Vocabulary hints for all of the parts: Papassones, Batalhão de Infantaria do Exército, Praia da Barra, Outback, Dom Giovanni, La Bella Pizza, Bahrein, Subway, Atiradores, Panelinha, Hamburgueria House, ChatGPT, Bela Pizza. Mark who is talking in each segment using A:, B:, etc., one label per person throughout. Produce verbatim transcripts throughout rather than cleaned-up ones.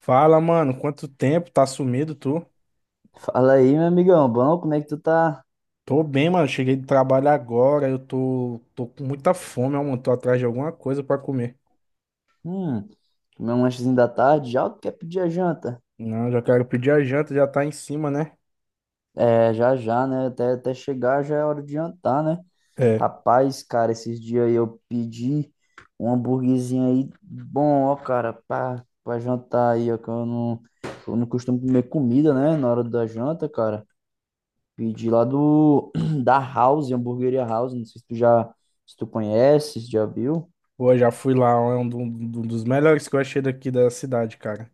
A: Fala, mano, quanto tempo? Tá sumido, tu?
B: Fala aí, meu amigão, bom? Como é que tu tá?
A: Tô bem, mano. Cheguei do trabalho agora. Eu tô, tô com muita fome, ó, mano. Tô atrás de alguma coisa pra comer.
B: Hum, comer um lanchezinho da tarde, já ou tu quer pedir a janta?
A: Não, já quero pedir a janta, já tá em cima, né?
B: É, já já, né? Até, até chegar já é hora de jantar, né?
A: É.
B: Rapaz, cara, esses dias aí eu pedi um hambúrguerzinho aí bom, ó, cara, pra, pra jantar aí, ó, que eu não, eu não costumo comer comida, né? Na hora da janta, cara. Pedi lá do, da House, Hamburgueria House, não sei se tu já, se tu conhece, se já viu.
A: Pô, já fui lá, ó, é um do- do- dos melhores que eu achei daqui da cidade, cara.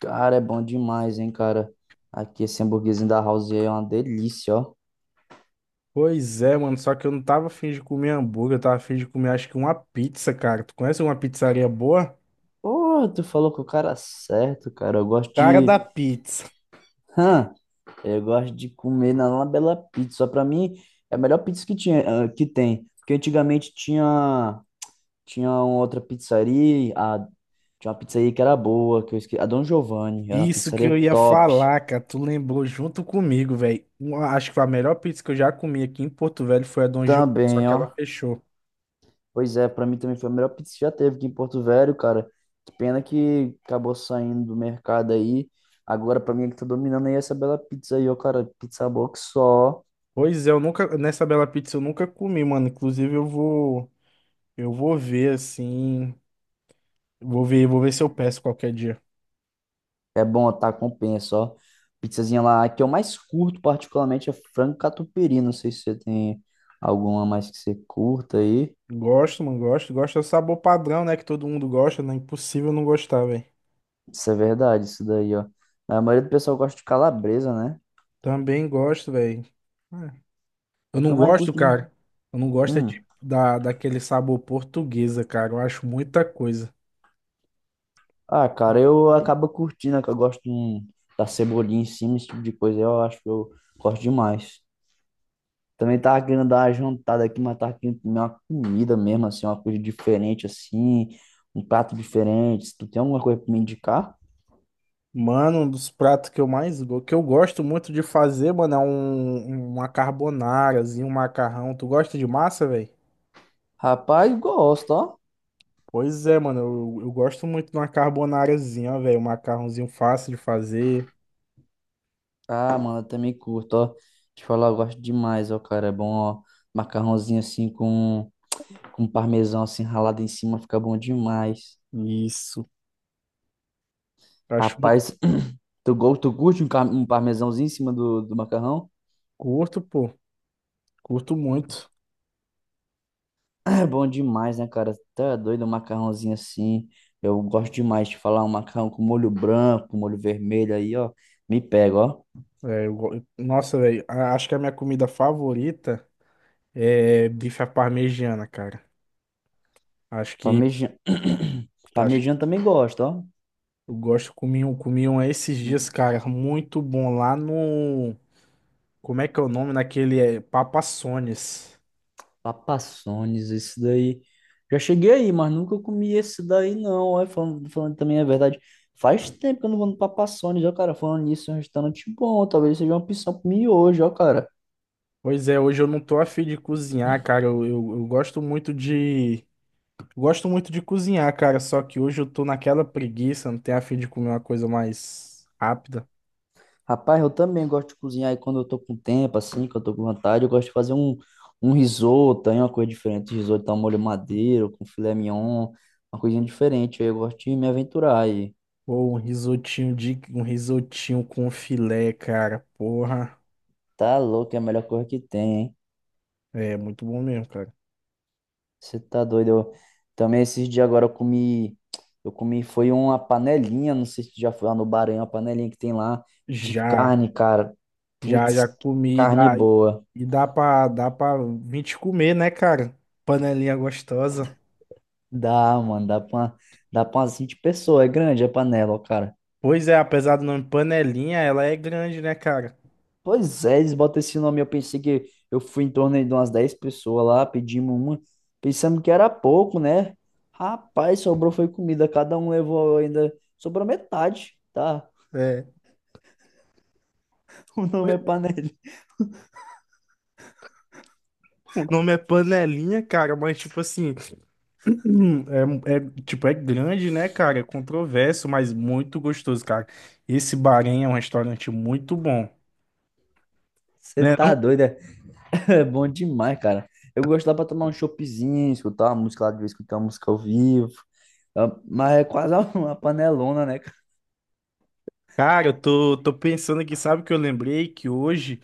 B: Cara, é bom demais, hein, cara. Aqui esse hamburguesinho da House é uma delícia, ó.
A: Pois é, mano. Só que eu não tava afim de comer hambúrguer, eu tava afim de comer, acho que uma pizza, cara. Tu conhece uma pizzaria boa?
B: Pô, tu falou com o cara é certo, cara. Eu gosto
A: Cara da
B: de.
A: pizza.
B: Hã? Eu gosto de comer na La Bella Pizza. Pra mim, é a melhor pizza que tinha, ah, que tem. Porque antigamente tinha, tinha uma outra pizzaria. A, tinha uma pizzaria que era boa, que eu esqueci. A Dom Giovanni. Era uma
A: Isso que eu
B: pizzaria
A: ia
B: top.
A: falar, cara. Tu lembrou junto comigo, velho. Uma- Acho que a melhor pizza que eu já comi aqui em Porto Velho foi a Dom Giovanni, só
B: Também,
A: que ela
B: ó.
A: fechou.
B: Pois é, pra mim também foi a melhor pizza que já teve aqui em Porto Velho, cara. Que pena que acabou saindo do mercado aí. Agora, pra mim, é que tá dominando aí essa Bela Pizza aí, ó, cara. Pizza boa que só.
A: Pois é, eu nunca, nessa Bela Pizza eu nunca comi, mano. Inclusive eu vou, eu vou ver assim, vou ver, vou ver se eu peço qualquer dia.
B: É bom, tá? Compensa, ó. Pizzazinha lá, a que eu mais curto, particularmente, é frango catupiry. Não sei se você tem alguma mais que você curta aí.
A: Gosto, mano, gosto. Gosto é o sabor padrão, né, que todo mundo gosta, né? Impossível não gostar, velho.
B: Isso é verdade, isso daí, ó. A maioria do pessoal gosta de calabresa, né?
A: Também gosto, velho. É. Eu
B: A que
A: não
B: eu mais
A: gosto,
B: curto, né?
A: cara. Eu não gosto é
B: Hum.
A: de, da, daquele sabor portuguesa, cara. Eu acho muita coisa.
B: Ah, cara, eu acabo curtindo, né, que eu gosto de um- da cebolinha em cima, esse tipo de coisa. Eu acho que eu gosto demais. Também tava querendo dar uma jantada aqui, mas tava querendo comer uma comida mesmo, assim, uma coisa diferente, assim, um prato diferente. Se tu tem alguma coisa pra me indicar?
A: Mano, um dos pratos que eu mais go- que eu gosto muito de fazer, mano, é um, uma carbonarazinha, um macarrão. Tu gosta de massa, velho?
B: Rapaz, gosto, ó.
A: Pois é, mano, eu, eu gosto muito de uma carbonarazinha, ó, velho, um macarrãozinho fácil de fazer.
B: Ah, mano, eu também curto, ó. Te falar, eu gosto demais, ó, cara. É bom, ó. Macarrãozinho assim com, com parmesão assim ralado em cima, fica bom demais.
A: Isso. Acho muito
B: Rapaz, tu, go- tu curte um, car- um parmesãozinho em cima do, do macarrão?
A: curto, pô. Curto muito.
B: É bom demais, né, cara? Tá doido um macarrãozinho assim. Eu gosto demais de falar um macarrão com molho branco, molho vermelho aí, ó. Me pega, ó.
A: É, eu go- nossa, velho, a- acho que a minha comida favorita é bife à parmegiana, cara. Acho que
B: Parmegiana.
A: tá, acho-
B: Parmegiana também gosto, ó.
A: eu gosto, comi um, comi um esses dias,
B: Hum,
A: cara, muito bom lá no. Como é que é o nome naquele é, Papassones?
B: Papassones, isso daí. Já cheguei aí, mas nunca comi esse daí, não. Ó, falando, falando também é verdade. Faz tempo que eu não vou no Papassones, ó, cara. Falando nisso, é um restaurante bom. Talvez seja uma opção pra mim hoje, ó, cara.
A: Pois é, hoje eu não tô afim de cozinhar, cara. Eu, eu, eu gosto muito de. Gosto muito de cozinhar, cara. Só que hoje eu tô naquela preguiça, não tenho afim de comer uma coisa mais rápida.
B: Rapaz, eu também gosto de cozinhar e quando eu tô com tempo, assim, que eu tô com vontade, eu gosto de fazer um, um risoto, aí uma coisa diferente, um risoto ao molho madeiro, com filé mignon, uma coisinha diferente, aí eu gosto de me aventurar aí.
A: Ou um risotinho de um risotinho com filé, cara. Porra.
B: Tá louco, é a melhor coisa que tem, hein?
A: É muito bom mesmo, cara.
B: Você tá doido? Eu... Também esses dias agora eu comi, eu comi, foi uma panelinha, não sei se tu já foi lá no Bahrein, uma panelinha que tem lá de
A: Já,
B: carne, cara.
A: já,
B: Putz,
A: já
B: que
A: comi e
B: carne
A: dá,
B: boa.
A: e dá pra, dá pra vinte comer, né, cara? Panelinha gostosa.
B: Dá, mano, dá pra, dá pra umas vinte pessoas, é grande a panela, ó, cara.
A: Pois é, apesar do nome Panelinha, ela é grande, né, cara?
B: Pois é, eles botam esse nome. Eu pensei que eu fui em torno de umas dez pessoas lá, pedimos uma, pensando que era pouco, né? Rapaz, sobrou foi comida, cada um levou ainda, sobrou metade, tá?
A: É.
B: O nome é panela.
A: O nome é Panelinha, cara, mas tipo assim, é, é- tipo, é grande, né, cara? É controverso, mas muito gostoso, cara. Esse Bahrein é um restaurante muito bom.
B: Você
A: Né? Não,
B: tá doido, é? É bom demais, cara. Eu gosto lá pra tomar um choppzinho, escutar uma música lá de vez, escutar uma música ao vivo. Ah, mas é quase uma uma panelona, né, cara?
A: cara, eu tô, tô pensando aqui, sabe o que eu lembrei? Que hoje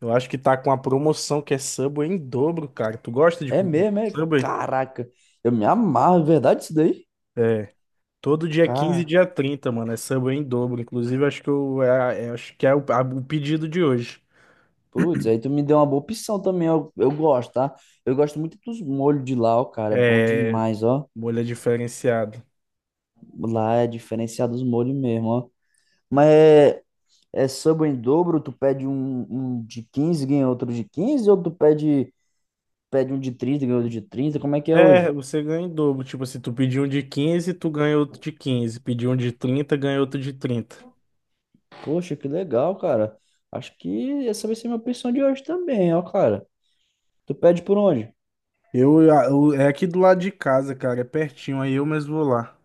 A: eu acho que tá com a promoção que é Subway em dobro, cara. Tu gosta de
B: É
A: comer
B: mesmo, é?
A: Subway?
B: Caraca, eu me amarro, é verdade isso daí?
A: É. Todo dia quinze e
B: Cara.
A: dia trinta mano. É samba em dobro. Inclusive, acho que, eu, é- é- acho que é o, a- o pedido de hoje.
B: Putz, aí tu me deu uma boa opção também, eu, eu gosto, tá? Eu gosto muito dos molhos de lá, ó, cara, é bom
A: É
B: demais, ó.
A: molha diferenciada.
B: Lá é diferenciado os molhos mesmo, ó. Mas é, é samba em dobro, tu pede um, um de quinze ganha outro de quinze ou tu pede, pede um de trinta ganha outro de trinta, como é que é
A: É,
B: hoje?
A: você ganha em dobro. Tipo assim, tu pediu um de quinze tu ganha outro de quinze. Pediu um de trinta ganha outro de trinta.
B: Poxa, que legal, cara. Acho que essa vai ser minha opção de hoje também, ó, cara. Tu pede por onde?
A: Eu, a- eu- é aqui do lado de casa, cara. É pertinho, aí eu mesmo vou lá.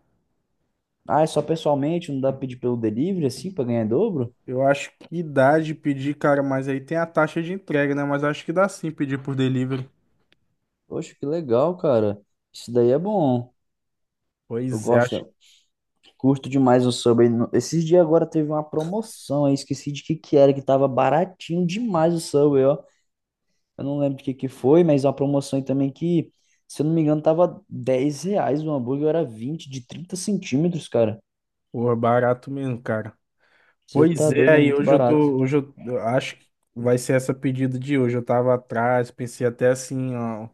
B: Ah, é só pessoalmente, não dá pra pedir pelo delivery, assim, pra ganhar em dobro?
A: Eu acho que dá de pedir, cara, mas aí tem a taxa de entrega, né? Mas acho que dá sim pedir por delivery.
B: Poxa, que legal, cara. Isso daí é bom. Eu
A: Pois é, acho.
B: gosto, curto demais o Subway. No- Esses dias agora teve uma promoção, aí esqueci de que que era, que tava baratinho demais o Subway, ó. Eu não lembro de que que foi, mas é uma promoção aí também que, se eu não me engano, tava dez reais o hambúrguer, era vinte de trinta centímetros, cara.
A: Pô, barato mesmo, cara.
B: Você tá
A: Pois é,
B: doido, é
A: aí
B: muito
A: hoje eu
B: barato.
A: tô, hoje eu eu acho que vai ser essa pedida de hoje. Eu tava atrás, pensei até assim, ó,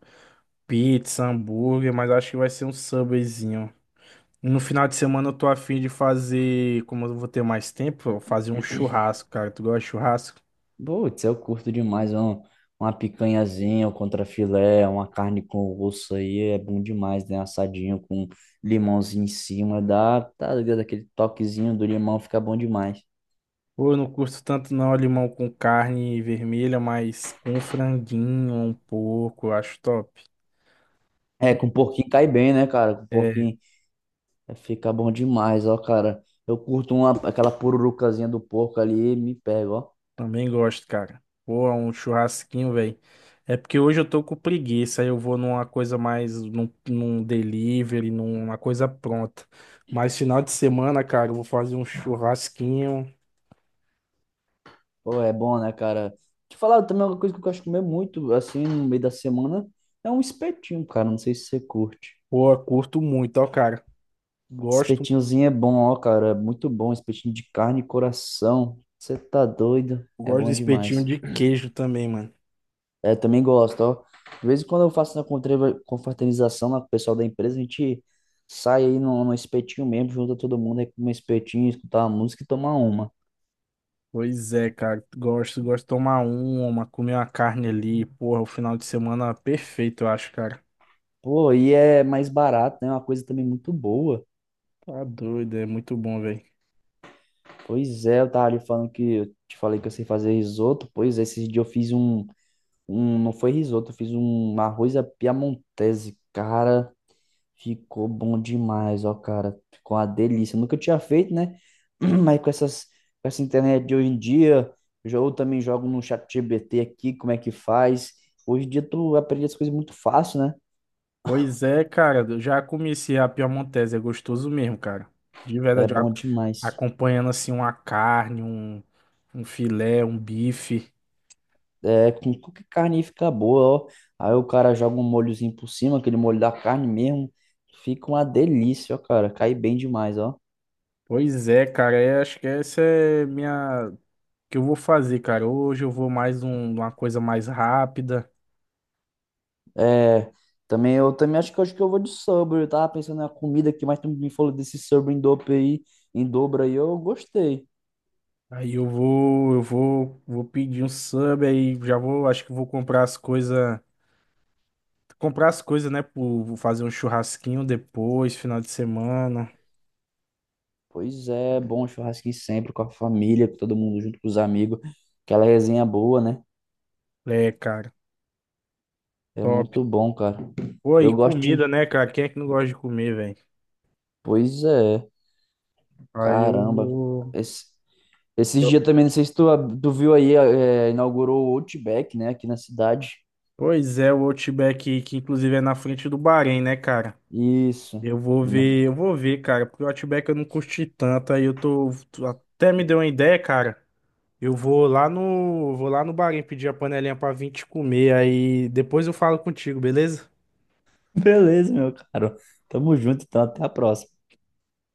A: pizza, hambúrguer, mas acho que vai ser um Subwayzinho. No final de semana eu tô afim de fazer, como eu vou ter mais tempo, eu fazer um churrasco, cara. Tu gosta de churrasco?
B: Putz, eu curto demais, ó. Uma picanhazinha, um contrafilé, uma carne com osso aí, é bom demais, né? Assadinho com limãozinho em cima, dá, tá ligado? Aquele toquezinho do limão fica bom demais.
A: Pô, eu não curto tanto não, limão com carne vermelha, mas com um franguinho, um porco, eu acho top.
B: É, com porquinho cai bem, né, cara? Com
A: É,
B: porquinho fica bom demais, ó, cara. Eu curto uma, aquela pururucazinha do porco ali e me pego, ó.
A: também gosto, cara. Pô, é um churrasquinho, velho. É porque hoje eu tô com preguiça, aí eu vou numa coisa mais, num, num delivery, numa coisa pronta. Mas final de semana, cara, eu vou fazer um churrasquinho.
B: Pô, é bom, né, cara? Te falar também uma coisa que eu gosto de comer muito, assim, no meio da semana, é um espetinho, cara. Não sei se você curte.
A: Pô, eu curto muito, ó, cara. Gosto,
B: Espetinhozinho é bom, ó, cara. É muito bom. Espetinho de carne e coração. Você tá doido? É
A: gosto do
B: bom
A: espetinho
B: demais.
A: de queijo também, mano.
B: É, também gosto, ó. De vez em quando eu faço na contreva- confraternização lá com o pessoal da empresa, a gente sai aí num, num espetinho mesmo, junta todo mundo aí com um espetinho, escutar uma música e tomar uma.
A: Pois é, cara. Gosto, gosto de tomar uma, comer uma carne ali. Porra, o final de semana é perfeito, eu acho, cara.
B: Pô, e é mais barato, né? É uma coisa também muito boa.
A: Tá doido, é muito bom, velho.
B: Pois é, eu tava ali falando que eu te falei que eu sei fazer risoto. Pois é, esses dias eu fiz um, um, não foi risoto, eu fiz um arroz à piamontese. Cara, ficou bom demais, ó, cara. Ficou uma delícia. Nunca tinha feito, né? Mas com essas, com essa internet de hoje em dia, jo- eu também jogo no chat G B T aqui, como é que faz. Hoje em dia tu aprende as coisas muito fácil, né?
A: Pois é, cara, eu já comecei a piemontese, é gostoso mesmo, cara. De
B: É
A: verdade, a-
B: bom demais.
A: acompanhando assim uma carne, um, um filé, um bife.
B: É, com qualquer carne fica boa, ó. Aí o cara joga um molhozinho por cima, aquele molho da carne mesmo. Fica uma delícia, ó, cara. Cai bem demais, ó.
A: Pois é, cara, é, acho que essa é minha que eu vou fazer, cara. Hoje eu vou mais um- uma coisa mais rápida.
B: É, também eu também acho que acho que eu vou de sobre. Eu tava pensando na comida aqui, mas tu me falou desse sobre em dobro aí, em dobro aí, eu gostei.
A: Aí eu vou, eu vou, vou pedir um sub aí, já vou, acho que vou comprar as coisas, comprar as coisas, né, pro, vou fazer um churrasquinho depois, final de semana.
B: Pois é, bom churrasquinho sempre com a família, com todo mundo junto com os amigos. Aquela resenha boa, né?
A: É, cara,
B: É
A: top.
B: muito bom, cara.
A: Pô, e
B: Eu gosto
A: comida,
B: de.
A: né, cara? Quem é que não gosta de comer, velho?
B: Pois é,
A: Aí eu
B: caramba.
A: vou.
B: Esse- esses dias
A: Eu-
B: também, não sei se tu, tu viu aí, é, inaugurou o Outback, né, aqui na cidade.
A: Pois é, o Outback, que inclusive é na frente do Bahrein, né, cara?
B: Isso.
A: Eu vou ver, eu vou ver, cara, porque o Outback eu não curti tanto, aí eu tô. Tu até me deu uma ideia, cara. Eu vou lá no. Vou lá no Bahrein pedir a panelinha pra vir te comer, aí depois eu falo contigo, beleza?
B: Beleza, meu caro. Tamo junto, então até a próxima.